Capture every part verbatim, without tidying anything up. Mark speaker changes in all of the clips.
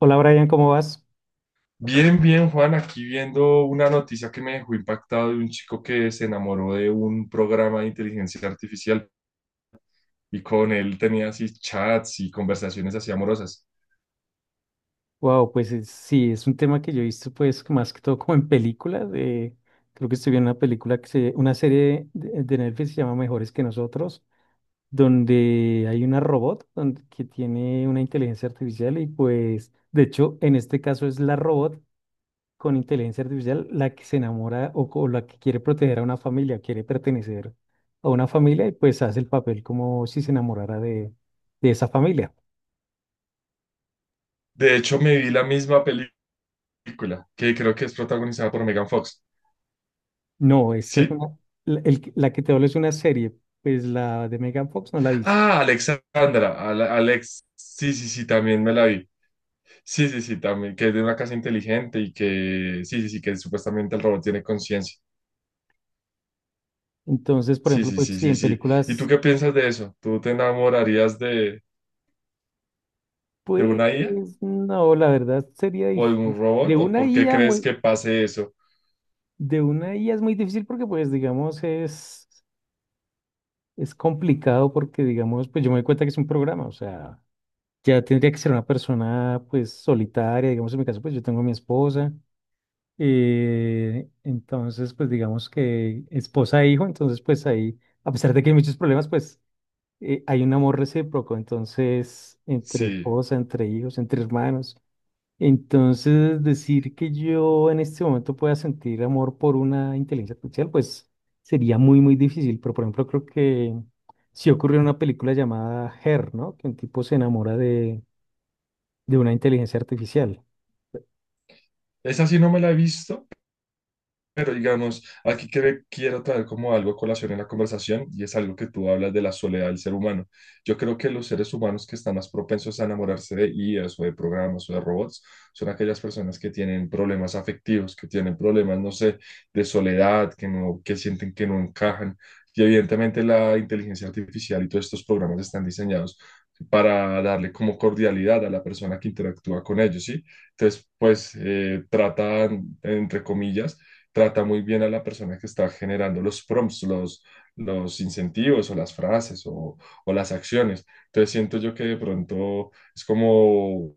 Speaker 1: Hola Brian, ¿cómo vas?
Speaker 2: Bien, bien, Juan, aquí viendo una noticia que me dejó impactado de un chico que se enamoró de un programa de inteligencia artificial y con él tenía así chats y conversaciones así amorosas.
Speaker 1: Wow, pues es- sí, es un tema que yo he visto pues que más que todo como en películas. eh, Creo que estoy viendo una película que se, una serie de, de Netflix que se llama Mejores que nosotros, donde hay una robot donde- que tiene una inteligencia artificial y pues de hecho en este caso es la robot con inteligencia artificial la que se enamora o, o la que quiere proteger a una familia, quiere pertenecer a una familia y pues hace el papel como si se enamorara de de esa familia.
Speaker 2: De hecho, me vi la misma película, que creo que es protagonizada por Megan Fox.
Speaker 1: No, esta es
Speaker 2: ¿Sí?
Speaker 1: una, la, el- la que te hablo es una serie, pues la de Megan Fox no la he visto.
Speaker 2: Ah, Alexandra, Ale- Alex, sí, sí, sí, también me la vi. Sí, sí, sí, también, que es de una casa inteligente y que, sí, sí, sí, que supuestamente el robot tiene conciencia.
Speaker 1: Entonces, por
Speaker 2: Sí,
Speaker 1: ejemplo,
Speaker 2: sí,
Speaker 1: pues
Speaker 2: sí,
Speaker 1: sí,
Speaker 2: sí,
Speaker 1: en
Speaker 2: sí. ¿Y tú
Speaker 1: películas,
Speaker 2: qué piensas de eso? ¿Tú te enamorarías de, de
Speaker 1: pues
Speaker 2: una I A
Speaker 1: no, la verdad sería
Speaker 2: o de
Speaker 1: difícil.
Speaker 2: un robot? ¿O
Speaker 1: De
Speaker 2: por
Speaker 1: una
Speaker 2: qué
Speaker 1: IA
Speaker 2: crees
Speaker 1: muy,
Speaker 2: que pase eso?
Speaker 1: De una I A es muy difícil porque pues digamos es, es complicado porque digamos, pues yo me doy cuenta que es un programa, o sea, ya tendría que ser una persona pues solitaria, digamos en mi caso pues yo tengo a mi esposa. Eh, entonces, pues digamos que esposa e hijo, entonces pues ahí, a pesar de que hay muchos problemas, pues eh, hay un amor recíproco, entonces entre
Speaker 2: Sí,
Speaker 1: esposa, entre hijos, entre hermanos. Entonces, decir que yo en este momento pueda sentir amor por una inteligencia artificial, pues sería muy, muy difícil, pero por ejemplo creo que sí ocurrió en una película llamada Her, ¿no? Que un tipo se enamora de, de una inteligencia artificial.
Speaker 2: esa sí no me la he visto. Pero digamos, aquí que ve- quiero traer como algo a colación en la conversación, y es algo que tú hablas de la soledad del ser humano. Yo creo que los seres humanos que están más propensos a enamorarse de I As o de programas o de robots son aquellas personas que tienen problemas afectivos, que tienen problemas, no sé, de soledad, que no, que sienten que no encajan. Y evidentemente la inteligencia artificial y todos estos programas están diseñados para darle como cordialidad a la persona que interactúa con ellos, ¿sí? Entonces, pues eh, tratan, entre comillas, trata muy bien a la persona que está generando los prompts, los, los incentivos o las frases o, o las acciones. Entonces siento yo que de pronto es como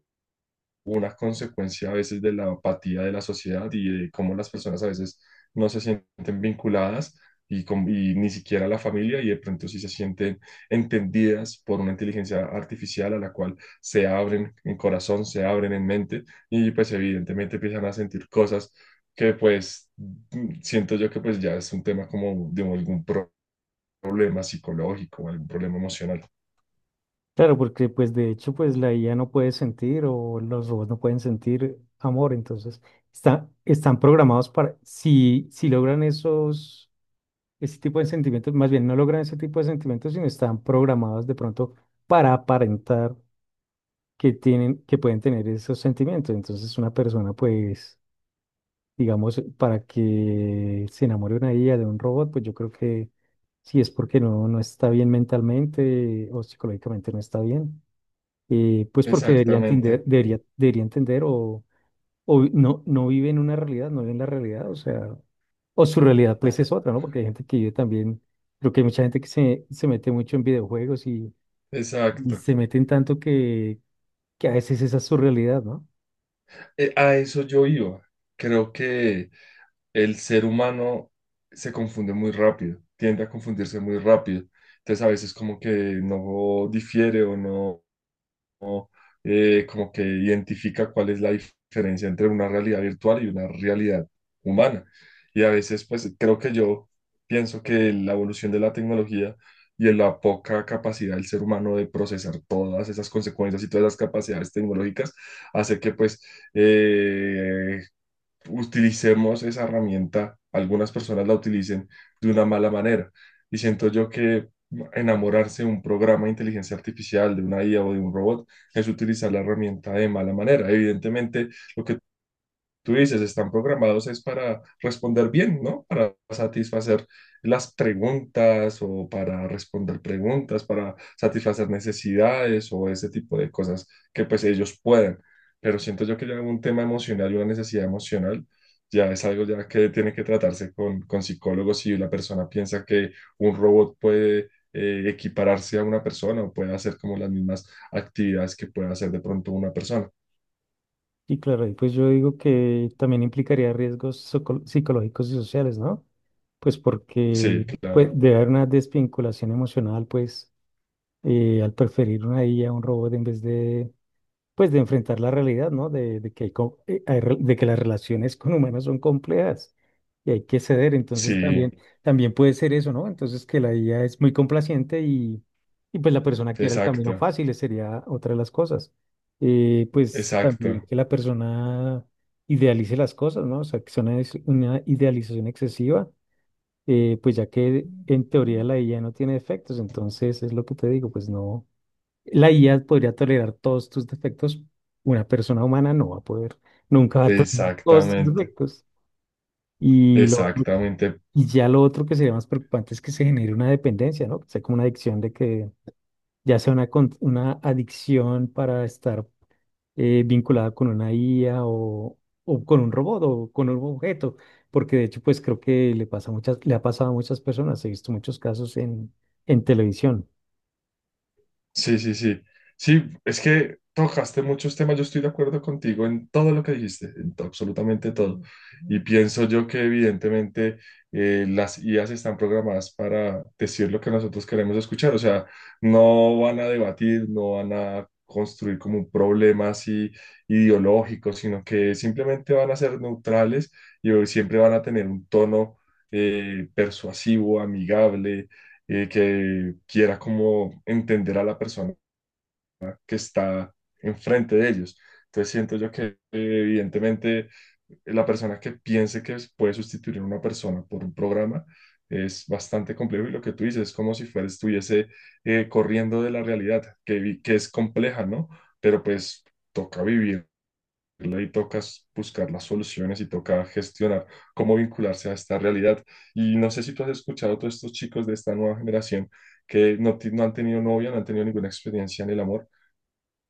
Speaker 2: una consecuencia a veces de la apatía de la sociedad y de cómo las personas a veces no se sienten vinculadas y, con- y ni siquiera la familia, y de pronto sí se sienten entendidas por una inteligencia artificial a la cual se abren en corazón, se abren en mente, y pues evidentemente empiezan a sentir cosas que pues mm, siento yo que pues ya es un tema como de algún pro- problema psicológico, algún problema emocional.
Speaker 1: Claro, porque pues de hecho pues la I A no puede sentir o los robots no pueden sentir amor, entonces está- están programados para, si, si logran esos, ese tipo de sentimientos, más bien no logran ese tipo de sentimientos, sino están programados de pronto para aparentar que tienen, que pueden tener esos sentimientos. Entonces, una persona, pues, digamos, para que se enamore una I A de un robot, pues yo creo que si es porque no, no está bien mentalmente o psicológicamente no está bien, eh, pues porque debería
Speaker 2: Exactamente,
Speaker 1: entender, debería, debería entender o, o vi- no, no vive en una realidad, no vive en la realidad, o sea, o su realidad pues es otra, ¿no? Porque hay gente que vive también, creo que hay mucha gente que se, se mete mucho en videojuegos y, y
Speaker 2: exacto.
Speaker 1: se meten tanto que, que a veces esa es su realidad, ¿no?
Speaker 2: Eh, a eso yo iba. Creo que el ser humano se confunde muy rápido, tiende a confundirse muy rápido. Entonces a veces como que no difiere o no eh, como que identifica cuál es la diferencia entre una realidad virtual y una realidad humana. Y a veces pues creo que yo pienso que la evolución de la tecnología y en la poca capacidad del ser humano de procesar todas esas consecuencias y todas las capacidades tecnológicas hace que pues eh, utilicemos esa herramienta, algunas personas la utilicen de una mala manera. Y siento yo que enamorarse de un programa de inteligencia artificial, de una I A o de un robot, es utilizar la herramienta de mala manera. Evidentemente, lo que tú dices, están programados es para responder bien, ¿no? Para satisfacer las preguntas o para responder preguntas, para satisfacer necesidades o ese tipo de cosas que pues ellos pueden. Pero siento yo que ya un tema emocional y una necesidad emocional ya es algo ya que tiene que tratarse con, con psicólogos si la persona piensa que un robot puede... eh, equipararse a una persona o puede hacer como las mismas actividades que puede hacer de pronto una persona.
Speaker 1: Y claro, y pues yo digo que también implicaría riesgos soco- psicológicos y sociales, ¿no? Pues porque
Speaker 2: Sí,
Speaker 1: pues,
Speaker 2: claro.
Speaker 1: debe haber una desvinculación emocional, pues, eh, al preferir una IA a a un robot en vez de pues de enfrentar la realidad, ¿no? De, de que hay, co- eh, hay re- de que las relaciones con humanos son complejas y hay que ceder. Entonces
Speaker 2: Sí.
Speaker 1: también, también puede ser eso, ¿no? Entonces que la I A es muy complaciente y, y pues la persona quiera el camino
Speaker 2: Exacto,
Speaker 1: fácil, esa sería otra de las cosas. Eh, pues también
Speaker 2: exacto,
Speaker 1: que la persona idealice las cosas, ¿no? O sea, que sea una, es- una idealización excesiva, eh, pues ya que en teoría la I A no tiene efectos, entonces es lo que te digo, pues no. La I A podría tolerar todos tus defectos. Una persona humana no va a poder, nunca va a tolerar todos tus
Speaker 2: exactamente,
Speaker 1: defectos. Y, lo otro-
Speaker 2: exactamente.
Speaker 1: y ya lo otro que sería más preocupante es que se genere una dependencia, ¿no? Que sea como una adicción de que ya sea una, con- una adicción para estar eh, vinculada con una I A o, o con un robot o con un objeto. Porque de hecho, pues creo que le pasa a muchas, le ha pasado a muchas personas. He visto muchos casos en, en televisión.
Speaker 2: Sí, sí, sí. Sí, es que tocaste muchos temas. Yo estoy de acuerdo contigo en todo lo que dijiste, en to- absolutamente todo. Y pienso yo que evidentemente eh, las I As están programadas para decir lo que nosotros queremos escuchar. O sea, no van a debatir, no van a construir como un problema así ideológico, sino que simplemente van a ser neutrales y siempre van a tener un tono eh, persuasivo, amigable, y que quiera como entender a la persona que está enfrente de ellos. Entonces siento yo que eh, evidentemente la persona que piense que puede sustituir a una persona por un programa es bastante complejo, y lo que tú dices es como si fuera, estuviese eh, corriendo de la realidad, que, vi- que es compleja, ¿no? Pero pues toca vivir y toca buscar las soluciones y toca gestionar cómo vincularse a esta realidad. Y no sé si tú has escuchado a todos estos chicos de esta nueva generación que no, ti- no han tenido novia, no han tenido ninguna experiencia en el amor,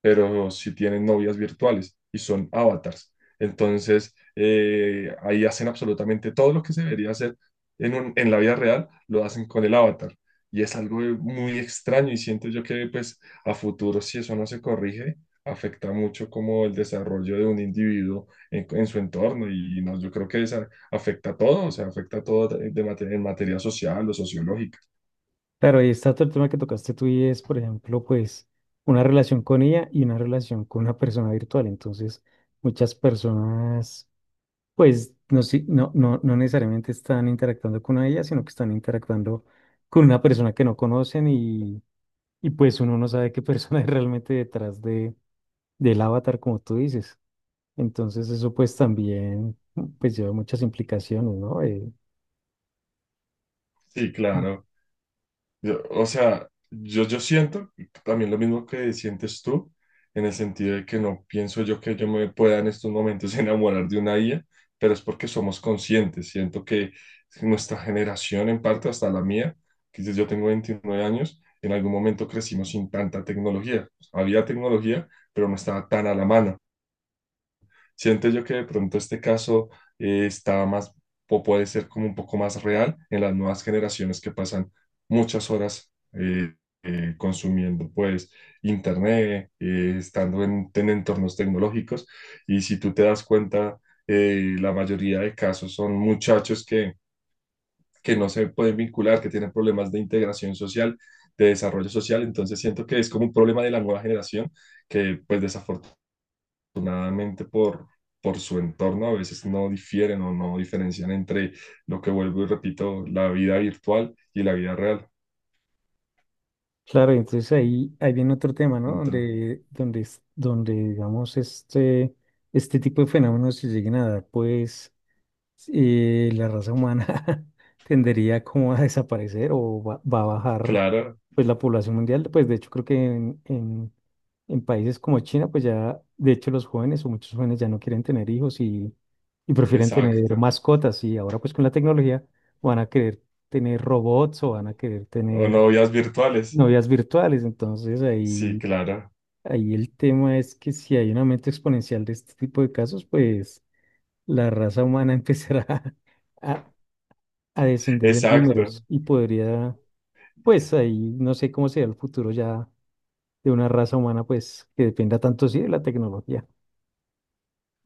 Speaker 2: pero sí tienen novias virtuales y son avatars. Entonces, eh, ahí hacen absolutamente todo lo que se debería hacer en, un- en la vida real, lo hacen con el avatar. Y es algo muy extraño, y siento yo que pues a futuro, si eso no se corrige, afecta mucho como el desarrollo de un individuo en, en su entorno, y no, yo creo que esa afecta a todo, o sea, afecta a todo de mate- en materia social o sociológica.
Speaker 1: Claro, y está todo el tema que tocaste tú y es, por ejemplo, pues una relación con ella y una relación con una persona virtual. Entonces, muchas personas, pues, no, si- no, no, no necesariamente están interactuando con ella, sino que están interactuando con una persona que no conocen y, y pues uno no sabe qué persona es realmente detrás de, del avatar, como tú dices. Entonces, eso pues también, pues, lleva muchas implicaciones, ¿no? Eh,
Speaker 2: Sí, claro. Yo- o sea, yo, yo siento también lo mismo que sientes tú, en el sentido de que no pienso yo que yo me pueda en estos momentos enamorar de una I A, pero es porque somos conscientes. Siento que nuestra generación, en parte hasta la mía, que yo yo tengo veintinueve años, en algún momento crecimos sin tanta tecnología. Había tecnología, pero no estaba tan a la mano. Siento yo que de pronto este caso eh, está más o puede ser como un poco más real en las nuevas generaciones que pasan muchas horas eh, eh, consumiendo pues internet, eh, estando en, en entornos tecnológicos. Y si tú te das cuenta, eh, la mayoría de casos son muchachos que, que no se pueden vincular, que tienen problemas de integración social, de desarrollo social. Entonces siento que es como un problema de la nueva generación que pues desafortunadamente afortunadamente por, por su entorno, a veces no difieren o no diferencian entre lo que vuelvo y repito, la vida virtual y la vida real.
Speaker 1: claro, entonces ahí, ahí viene otro tema, ¿no?
Speaker 2: Entonces,
Speaker 1: Donde, donde, es- donde digamos, este, este tipo de fenómenos se lleguen a dar, pues eh, la raza humana tendería como a desaparecer o va, va a bajar,
Speaker 2: claro,
Speaker 1: pues la población mundial. Pues de hecho creo que en, en, en países como China, pues ya, de hecho los jóvenes o muchos jóvenes ya no quieren tener hijos y, y prefieren tener
Speaker 2: exacto.
Speaker 1: mascotas y ahora pues con la tecnología van a querer tener robots o van a querer
Speaker 2: O
Speaker 1: tener
Speaker 2: novias virtuales.
Speaker 1: novias virtuales. Entonces
Speaker 2: Sí,
Speaker 1: ahí,
Speaker 2: claro,
Speaker 1: ahí el tema es que si hay un aumento exponencial de este tipo de casos, pues la raza humana empezará a, a descender en
Speaker 2: exacto.
Speaker 1: números y podría, pues ahí no sé cómo será el futuro ya de una raza humana, pues que dependa tanto sí de la tecnología.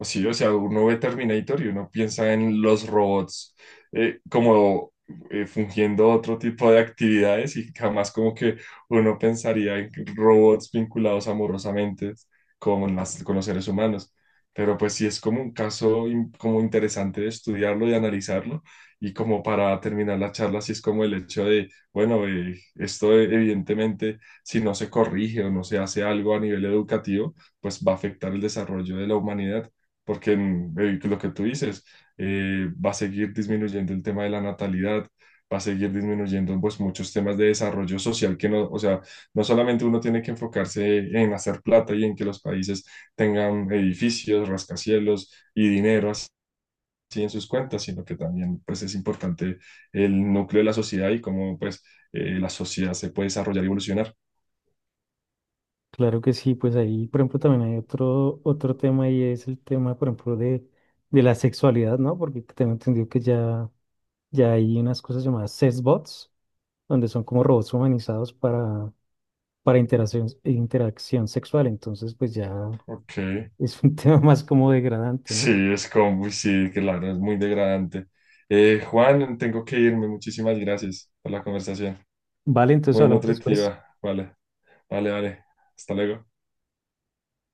Speaker 2: Sí, o sea, uno ve Terminator y uno piensa en los robots eh, como eh, fungiendo otro tipo de actividades, y jamás como que uno pensaría en robots vinculados amorosamente con las, con los seres humanos. Pero pues sí es como un caso in- como interesante de estudiarlo y analizarlo. Y como para terminar la charla, sí es como el hecho de, bueno, eh, esto evidentemente, si no se corrige o no se hace algo a nivel educativo, pues va a afectar el desarrollo de la humanidad porque en- eh, lo que tú dices, eh, va a seguir disminuyendo el tema de la natalidad, va a seguir disminuyendo pues muchos temas de desarrollo social que no, o sea, no solamente uno tiene que enfocarse en hacer plata y en que los países tengan edificios, rascacielos y dinero así en sus cuentas, sino que también pues es importante el núcleo de la sociedad y cómo pues eh, la sociedad se puede desarrollar y evolucionar.
Speaker 1: Claro que sí, pues ahí, por ejemplo, también hay otro, otro tema y es el tema, por ejemplo, de, de la sexualidad, ¿no? Porque tengo entendido que ya, ya hay unas cosas llamadas sexbots donde son como robots humanizados para, para interacción, interacción sexual. Entonces, pues ya
Speaker 2: Ok.
Speaker 1: es un tema más como degradante,
Speaker 2: Sí,
Speaker 1: ¿no?
Speaker 2: es como, uy, sí, claro, es muy degradante. Eh, Juan, tengo que irme. Muchísimas gracias por la conversación.
Speaker 1: Vale, entonces
Speaker 2: Muy
Speaker 1: hablamos después.
Speaker 2: nutritiva. Vale, vale, vale. Hasta luego.